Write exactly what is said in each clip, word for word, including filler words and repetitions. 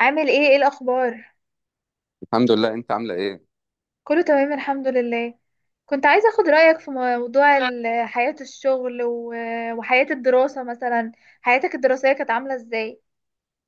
عامل ايه؟ ايه الاخبار؟ الحمد لله. انت عامله ايه؟ كله تمام، الحمد لله. كنت عايزه اخد رايك في موضوع ال- حياه الشغل و- وحياه الدراسه مثلا. حياتك الدراسيه كانت عامله ازاي؟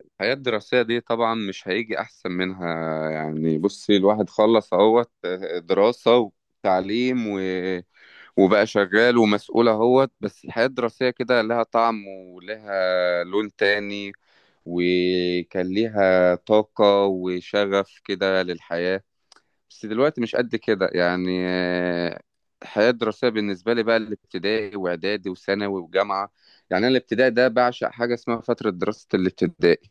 الحياه الدراسيه دي طبعا مش هيجي احسن منها. يعني بصي، الواحد خلص اهوت آه، دراسه وتعليم و... وبقى شغال ومسؤول اهوت. بس الحياه الدراسيه كده لها طعم ولها لون تاني، وكان ليها طاقه وشغف كده للحياه. بس دلوقتي مش قد كده يعني آه، الحياة الدراسية بالنسبة لي بقى الابتدائي وإعدادي وثانوي وجامعة. يعني أنا الابتدائي ده بعشق حاجة اسمها فترة دراسة الابتدائي.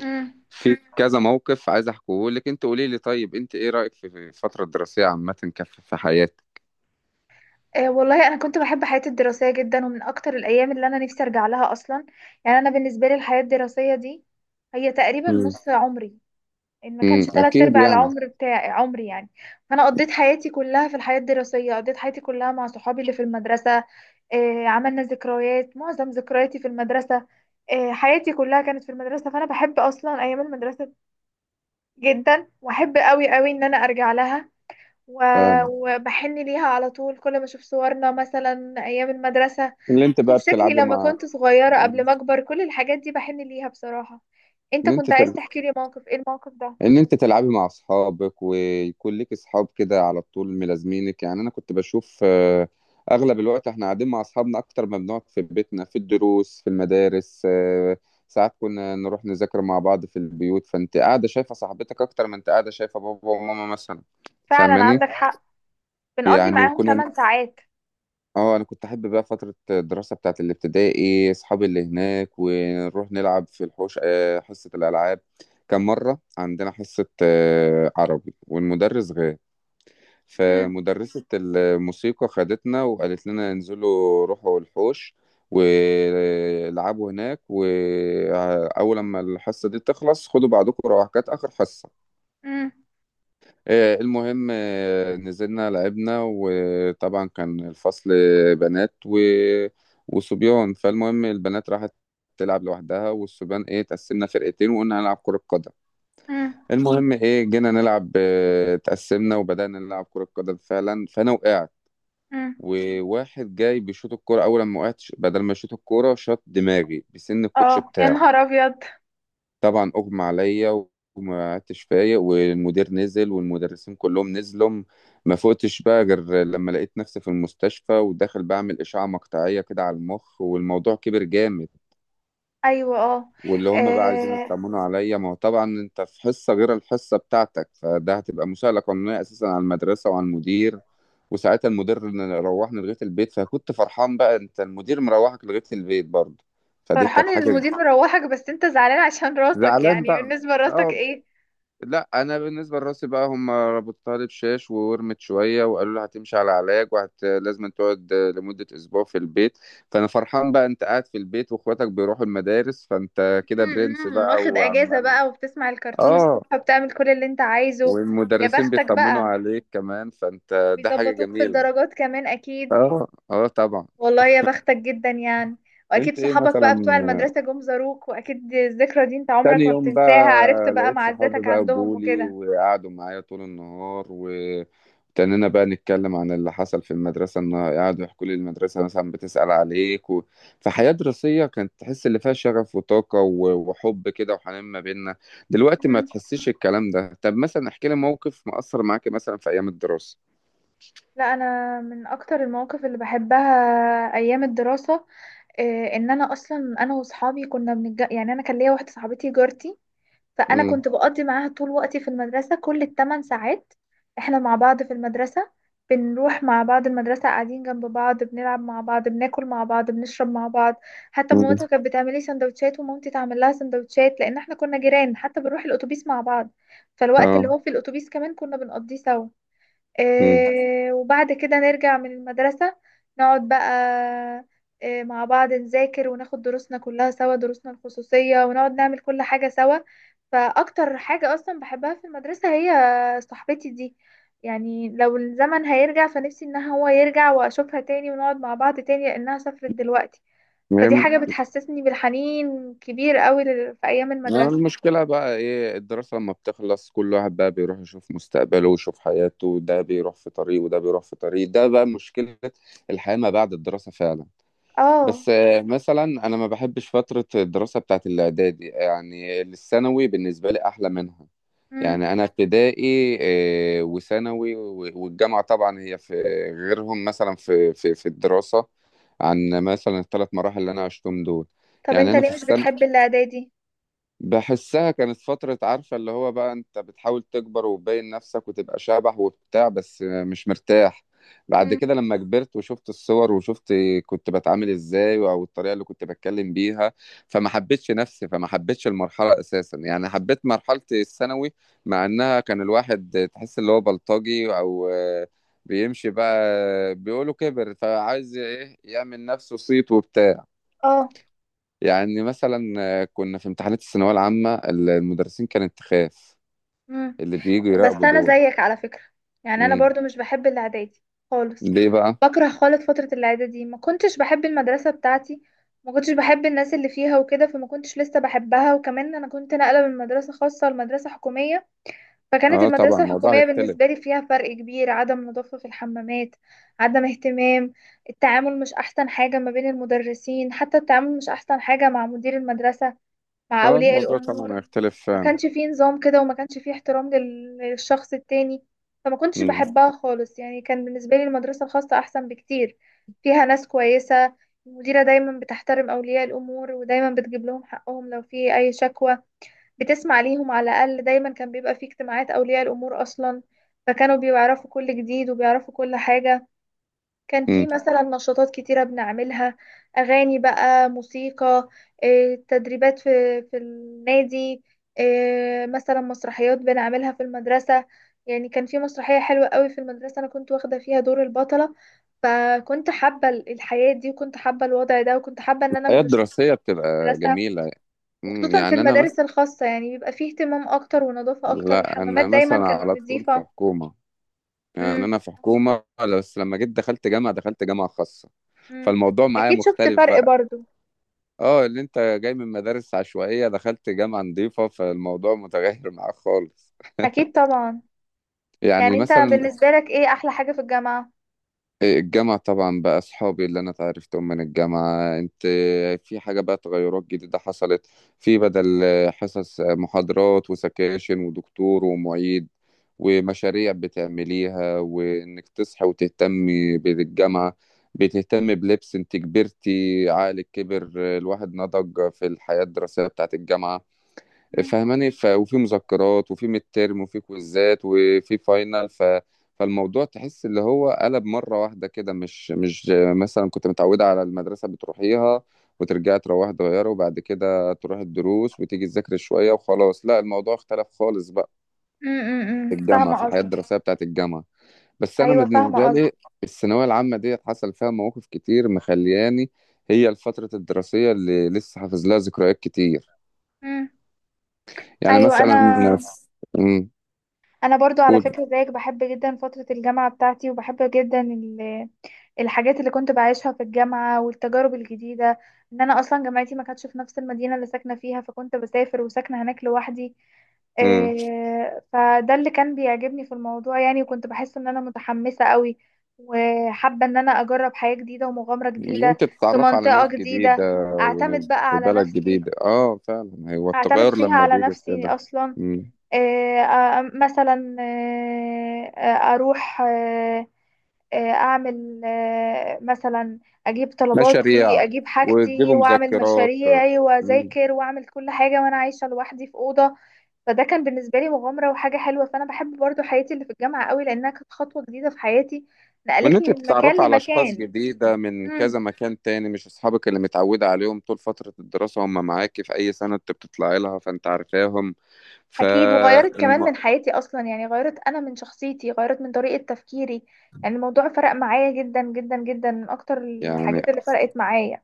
امم. في كذا موقف عايز أحكيه لك. أنت قولي لي، طيب أنت إيه رأيك في في الفترة الدراسية عامة كف في حياتك؟ آه، والله انا كنت بحب حياتي الدراسيه جدا، ومن اكتر الايام اللي انا نفسي ارجع لها اصلا. يعني انا بالنسبه لي الحياه الدراسيه دي هي تقريبا مم. نص عمري، ان ما كانش امم، تلات اكيد ارباع يعني. العمر بتاعي، عمري يعني. فانا قضيت حياتي كلها في الحياه الدراسيه، قضيت حياتي كلها مع صحابي اللي في المدرسه. آه، عملنا ذكريات، معظم ذكرياتي في المدرسه. آه، حياتي كلها كانت في المدرسه، فانا بحب اصلا ايام المدرسه جدا، واحب قوي قوي ان انا ارجع لها. و- وبحن ليها على طول، كل ما اشوف صورنا مثلا ايام المدرسه، اللي انت بقى اشوف شكلي بتلعبي لما مع. كنت صغيره اللي قبل ما اكبر، كل الحاجات دي بحن ليها بصراحه. انت انت كنت عايز تل... تحكي لي موقف، ايه الموقف ده؟ ان انت تلعبي مع اصحابك ويكون لك اصحاب كده على طول ملازمينك. يعني انا كنت بشوف آه، اغلب الوقت احنا قاعدين مع اصحابنا اكتر ما بنقعد في بيتنا، في الدروس في المدارس. آه، ساعات كنا نروح نذاكر مع بعض في البيوت، فانت قاعده شايفه صاحبتك اكتر ما انت قاعده شايفه بابا وماما مثلا. فعلا فاهماني؟ عندك حق. بنقضي يعني معاهم وكنا. 8 ساعات. اه، انا كنت احب بقى فتره الدراسه بتاعت الابتدائي، اصحابي اللي هناك ونروح نلعب في الحوش آه، حصه الالعاب. كان مره عندنا حصه آه، عربي والمدرس غاب، مم. فمدرسه الموسيقى خدتنا وقالت لنا انزلوا روحوا الحوش والعبوا هناك، واول لما الحصه دي تخلص خدوا بعضكم روح، كانت اخر حصه. مم. آه، المهم، آه، نزلنا لعبنا. وطبعا كان الفصل بنات و... وصبيان. فالمهم البنات راحت تلعب لوحدها، والصبيان ايه تقسمنا فرقتين وقلنا هنلعب كرة قدم. مم. المهم ايه جينا نلعب، آه، تقسمنا وبدأنا نلعب كرة قدم فعلا. فانا وقعت، مم. وواحد جاي بيشوط الكرة، اول ما وقعت بدل ما يشوط الكرة شاط دماغي بسن الكوتش اه، يا بتاعه. نهار ابيض. طبعا اغمى عليا وما عدتش فايق. والمدير نزل والمدرسين كلهم نزلوا. ما فقتش بقى غير لما لقيت نفسي في المستشفى وداخل بعمل اشعه مقطعيه كده على المخ، والموضوع كبر جامد. ايوه، اه. واللي هم بقى عايزين آه، يطمنوا عليا، ما هو طبعا انت في حصه غير الحصه بتاعتك، فده هتبقى مساءله قانونيه اساسا على المدرسه وعلى المدير. وساعتها المدير روحني لغايه البيت، فكنت فرحان بقى، انت المدير مروحك لغايه البيت برضه، فدي فرحان كانت ان حاجه. المدير مروحك، بس انت زعلان عشان راسك، زعلان يعني بقى. بالنسبه لراسك اه. ايه؟ لا، انا بالنسبه لراسي بقى، هم ربطتها لي بشاش وورمت شويه وقالوا لي هتمشي على علاج وهت لازم تقعد لمده اسبوع في البيت. فانا فرحان بقى، انت قاعد في البيت واخواتك بيروحوا المدارس، فانت كده مم. برنس مم. بقى واخد اجازة وعمال. بقى، وبتسمع الكرتون الصبح، اه. وبتعمل كل اللي انت عايزه. يا والمدرسين بختك بيطمنوا بقى. عليك كمان، فانت ده حاجه بيظبطوك في جميله. الدرجات كمان اكيد. اه، اه، طبعا. والله يا بختك جدا يعني. واكيد انت ايه صحابك مثلا. بقى بتوع المدرسة جم زاروك، واكيد الذكرى دي انت تاني عمرك ما يوم بتنساها، عرفت بقى بقى لقيت صحابي معزتك بقى عندهم جولي وكده. وقعدوا معايا طول النهار، وابتدينا بقى نتكلم عن اللي حصل في المدرسة، إن قعدوا يحكوا لي المدرسة مثلا بتسأل عليك و... فحياة دراسية كانت تحس اللي فيها شغف وطاقة و... وحب كده وحنان ما بيننا. دلوقتي ما تحسيش الكلام ده. طب مثلا احكي لي موقف مأثر معاك مثلا في أيام الدراسة. لا، انا من اكتر المواقف اللي بحبها ايام الدراسه. إيه، ان انا اصلا، انا واصحابي كنا بنج... يعني انا كان ليا واحده صاحبتي جارتي، فانا امم. كنت بقضي معاها طول وقتي في المدرسه، كل الثمان ساعات. احنا مع بعض في المدرسه، بنروح مع بعض المدرسه، قاعدين جنب بعض، بنلعب مع بعض، بناكل مع بعض، بنشرب مع بعض. حتى امم. مامتها كانت بتعمل لي سندوتشات، ومامتي تعمل لها سندوتشات، لان احنا كنا جيران، حتى بنروح الاتوبيس مع بعض. فالوقت اللي اه. هو في الاتوبيس كمان كنا بنقضيه سوا. آه، وبعد كده نرجع من المدرسة، نقعد بقى آه، مع بعض نذاكر، وناخد دروسنا كلها سوا، دروسنا الخصوصية، ونقعد نعمل كل حاجة سوا. فأكتر حاجة أصلا بحبها في المدرسة هي صاحبتي دي. يعني لو الزمن هيرجع فنفسي إن هو يرجع وأشوفها تاني ونقعد مع بعض تاني، لأنها سافرت دلوقتي. فدي امم. حاجة بتحسسني بالحنين كبير قوي لل- في أيام يعني المدرسة. المشكلة بقى ايه، الدراسة لما بتخلص كل واحد بقى بيروح يشوف مستقبله ويشوف حياته، ده بيروح في طريق وده بيروح في طريق، ده بقى مشكلة. الحياة ما بعد الدراسة فعلا. اه. بس آه، مثلا انا ما بحبش فترة الدراسة بتاعت الاعدادي، يعني الثانوي بالنسبة لي احلى منها. مم. يعني انا ابتدائي آه، وثانوي و- والجامعة طبعا هي في غيرهم. مثلا في في في الدراسة، عن مثلا الثلاث مراحل اللي انا عشتهم دول. طب يعني انت انا في ليه مش السنة بتحب الإعدادي؟ بحسها كانت فترة، عارفة اللي هو بقى انت بتحاول تكبر وتبين نفسك وتبقى شبح وبتاع بس مش مرتاح. بعد مم. كده لما كبرت وشفت الصور وشفت كنت بتعامل ازاي او الطريقة اللي كنت بتكلم بيها، فما حبيتش نفسي، فما حبيتش المرحلة اساسا. يعني حبيت مرحلة الثانوي، مع انها كان الواحد تحس اللي هو بلطجي او آه، بيمشي بقى، بيقولوا كبر فعايز ايه يعمل نفسه صيت وبتاع. اه. يعني مثلا آه، كنا في امتحانات الثانوية العامة ال- المدرسين كانت تخاف مم. اللي بييجوا بس يراقبوا انا دول. زيك على فكرة، يعني انا امم. برضو مش بحب الاعدادي خالص. ليه بقى؟ بكره خالص فترة الاعدادي دي، ما كنتش بحب المدرسة بتاعتي، ما كنتش بحب الناس اللي فيها وكده، فما كنتش لسه بحبها، وكمان انا كنت ناقلة من مدرسة خاصة لمدرسة حكومية. فكانت اه طبعا المدرسة الموضوع الحكومية هيختلف. بالنسبة لي فيها فرق كبير، عدم نظافة في الحمامات، عدم اهتمام، التعامل مش احسن حاجة ما بين المدرسين، حتى التعامل مش احسن حاجة مع مدير المدرسة، مع اه اولياء الموضوع طبعا الامور. هيختلف ما فعلا. كانش فيه نظام كده، وما كانش فيه احترام لل- للشخص التاني. فما كنتش امم. بحبها خالص، يعني كان بالنسبة لي المدرسة الخاصة أحسن بكتير. فيها ناس كويسة، المديرة دايما بتحترم أولياء الأمور، ودايما بتجيب لهم حقهم لو في أي شكوى، بتسمع ليهم على الأقل، دايما كان بيبقى فيه اجتماعات أولياء الأمور أصلا، فكانوا بيعرفوا كل جديد وبيعرفوا كل حاجة. كان في امم. مثلا نشاطات كتيرة بنعملها، أغاني بقى، موسيقى، إيه، تدريبات في في النادي، إيه، مثلا مسرحيات بنعملها في المدرسة. يعني كان في مسرحية حلوة قوي في المدرسة، أنا كنت واخدة فيها دور البطلة. فكنت حابة ال- الحياة دي، وكنت حابة الوضع ده، وكنت حابة إن أنا الحياة مش الدراسية في بتبقى المدرسة. جميلة. امم، وخصوصا في يعني أنا المدارس مثلا. الخاصة، يعني بيبقى فيه اهتمام أكتر ونظافة أكتر، لا الحمامات أنا دايما مثلا كانت على طول في نظيفة. حكومة، يعني مم، أنا في حكومة، بس لما جيت دخلت جامعة دخلت جامعة خاصة، مم. فالموضوع معايا أكيد شفت مختلف فرق بقى. برضو. اه، اللي انت جاي من مدارس عشوائية دخلت جامعة نظيفة، فالموضوع متغير معاك خالص. أكيد طبعا. يعني يعني انت مثلا بالنسبة لك ايه احلى حاجة في الجامعة؟ آه، الجامعة طبعا بقى أصحابي اللي أنا اتعرفتهم من الجامعة، أنت في حاجة بقى تغيرات جديدة حصلت. في بدل حصص محاضرات وسكاشن ودكتور ومعيد، ومشاريع بتعمليها، وإنك تصحي وتهتمي بالجامعة، بتهتمي بلبس. أنت كبرتي، عقلك كبر، الواحد نضج في الحياة الدراسية بتاعت الجامعة. مم. فاهماني؟ ف... وفي مذكرات وفي ميد تيرم وفي كويزات وفي فاينل ف... فالموضوع تحس اللي هو قلب مرة واحدة كده مش مش مثلا كنت متعودة على المدرسة بتروحيها وترجعي تروحي تغيري، وبعد كده تروحي الدروس وتيجي تذاكري شوية وخلاص. لا، الموضوع اختلف خالص بقى مم، مم، في مم. الجامعة، في فاهمة الحياة قصدك. الدراسية بتاعت الجامعة. بس أنا ايوه بالنسبة فاهمة قصدك. لي، الثانوية العامة ديت حصل فيها مواقف كتير مخلياني، هي الفترة الدراسية اللي لسه حافظ لها ذكريات كتير. مم. يعني ايوه، مثلا. انا مم. انا برضو على قول. فكرة زيك بحب جدا فترة الجامعة بتاعتي، وبحب جدا ال- الحاجات اللي كنت بعيشها في الجامعة والتجارب الجديدة. ان انا اصلا جامعتي ما كانتش في نفس المدينة اللي ساكنة فيها، فكنت بسافر وساكنة هناك لوحدي. امم. آه، فده اللي كان بيعجبني في الموضوع يعني، وكنت بحس ان انا متحمسة قوي، وحابة ان انا اجرب حياة جديدة ومغامرة ان جديدة انت في تتعرف على ناس منطقة جديده، جديدة. وإن اعتمد في. بقى على بلد نفسي، جديده، اه فعلا، هو اعتمد التغير فيها لما على بيجي في نفسي كده. اصلا. امم. آه، آه، مثلا آه، آه، اروح آه، آه، اعمل آه، مثلا اجيب مشاريع طلباتي، اجيب وتجيبوا حاجتي، واعمل مذكرات. مشاريعي، امم. واذاكر، واعمل كل حاجه وانا عايشه لوحدي في اوضه. فده كان بالنسبه لي مغامره وحاجه حلوه، فانا بحب برضو حياتي اللي في الجامعه قوي، لانها كانت خطوه جديده في حياتي، وان نقلتني انت من مكان تتعرف على اشخاص لمكان. جديده من كذا مم. مكان تاني، مش اصحابك اللي متعوده عليهم طول فتره الدراسه هم معاكي في اي سنه انت بتطلعي لها فانت عارفاهم اكيد، وغيرت كمان فالم... من حياتي اصلا، يعني غيرت انا من شخصيتي، غيرت من طريقة تفكيري. يعني الموضوع فرق معايا جدا جدا جدا، من اكتر يعني الحاجات اللي فرقت معايا.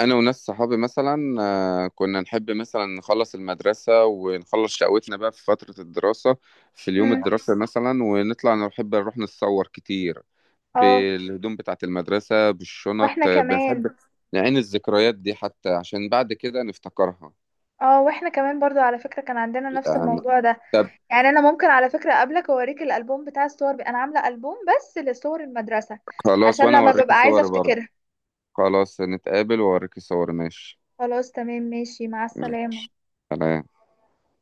انا وناس صحابي مثلا آه، كنا نحب مثلا نخلص المدرسه ونخلص شقوتنا بقى في فتره الدراسه، في اليوم امم. الدراسي مثلا، ونطلع نحب نروح نتصور كتير اه بالهدوم بتاعه المدرسه بالشنط. واحنا آه، كمان بنحب نعين الذكريات دي حتى عشان بعد كده نفتكرها. اه واحنا كمان برضو على فكرة كان عندنا نفس يعني الموضوع ده. طب، يعني انا ممكن على فكرة قبلك اوريك الالبوم بتاع الصور، ب... انا عاملة البوم بس لصور المدرسة، خلاص عشان وانا لما اوريك ببقى عايزة صوري برضه. افتكرها. خلاص نتقابل واوريك صوري، ماشي. خلاص، تمام، ماشي، مع ماشي. السلامة. سلام.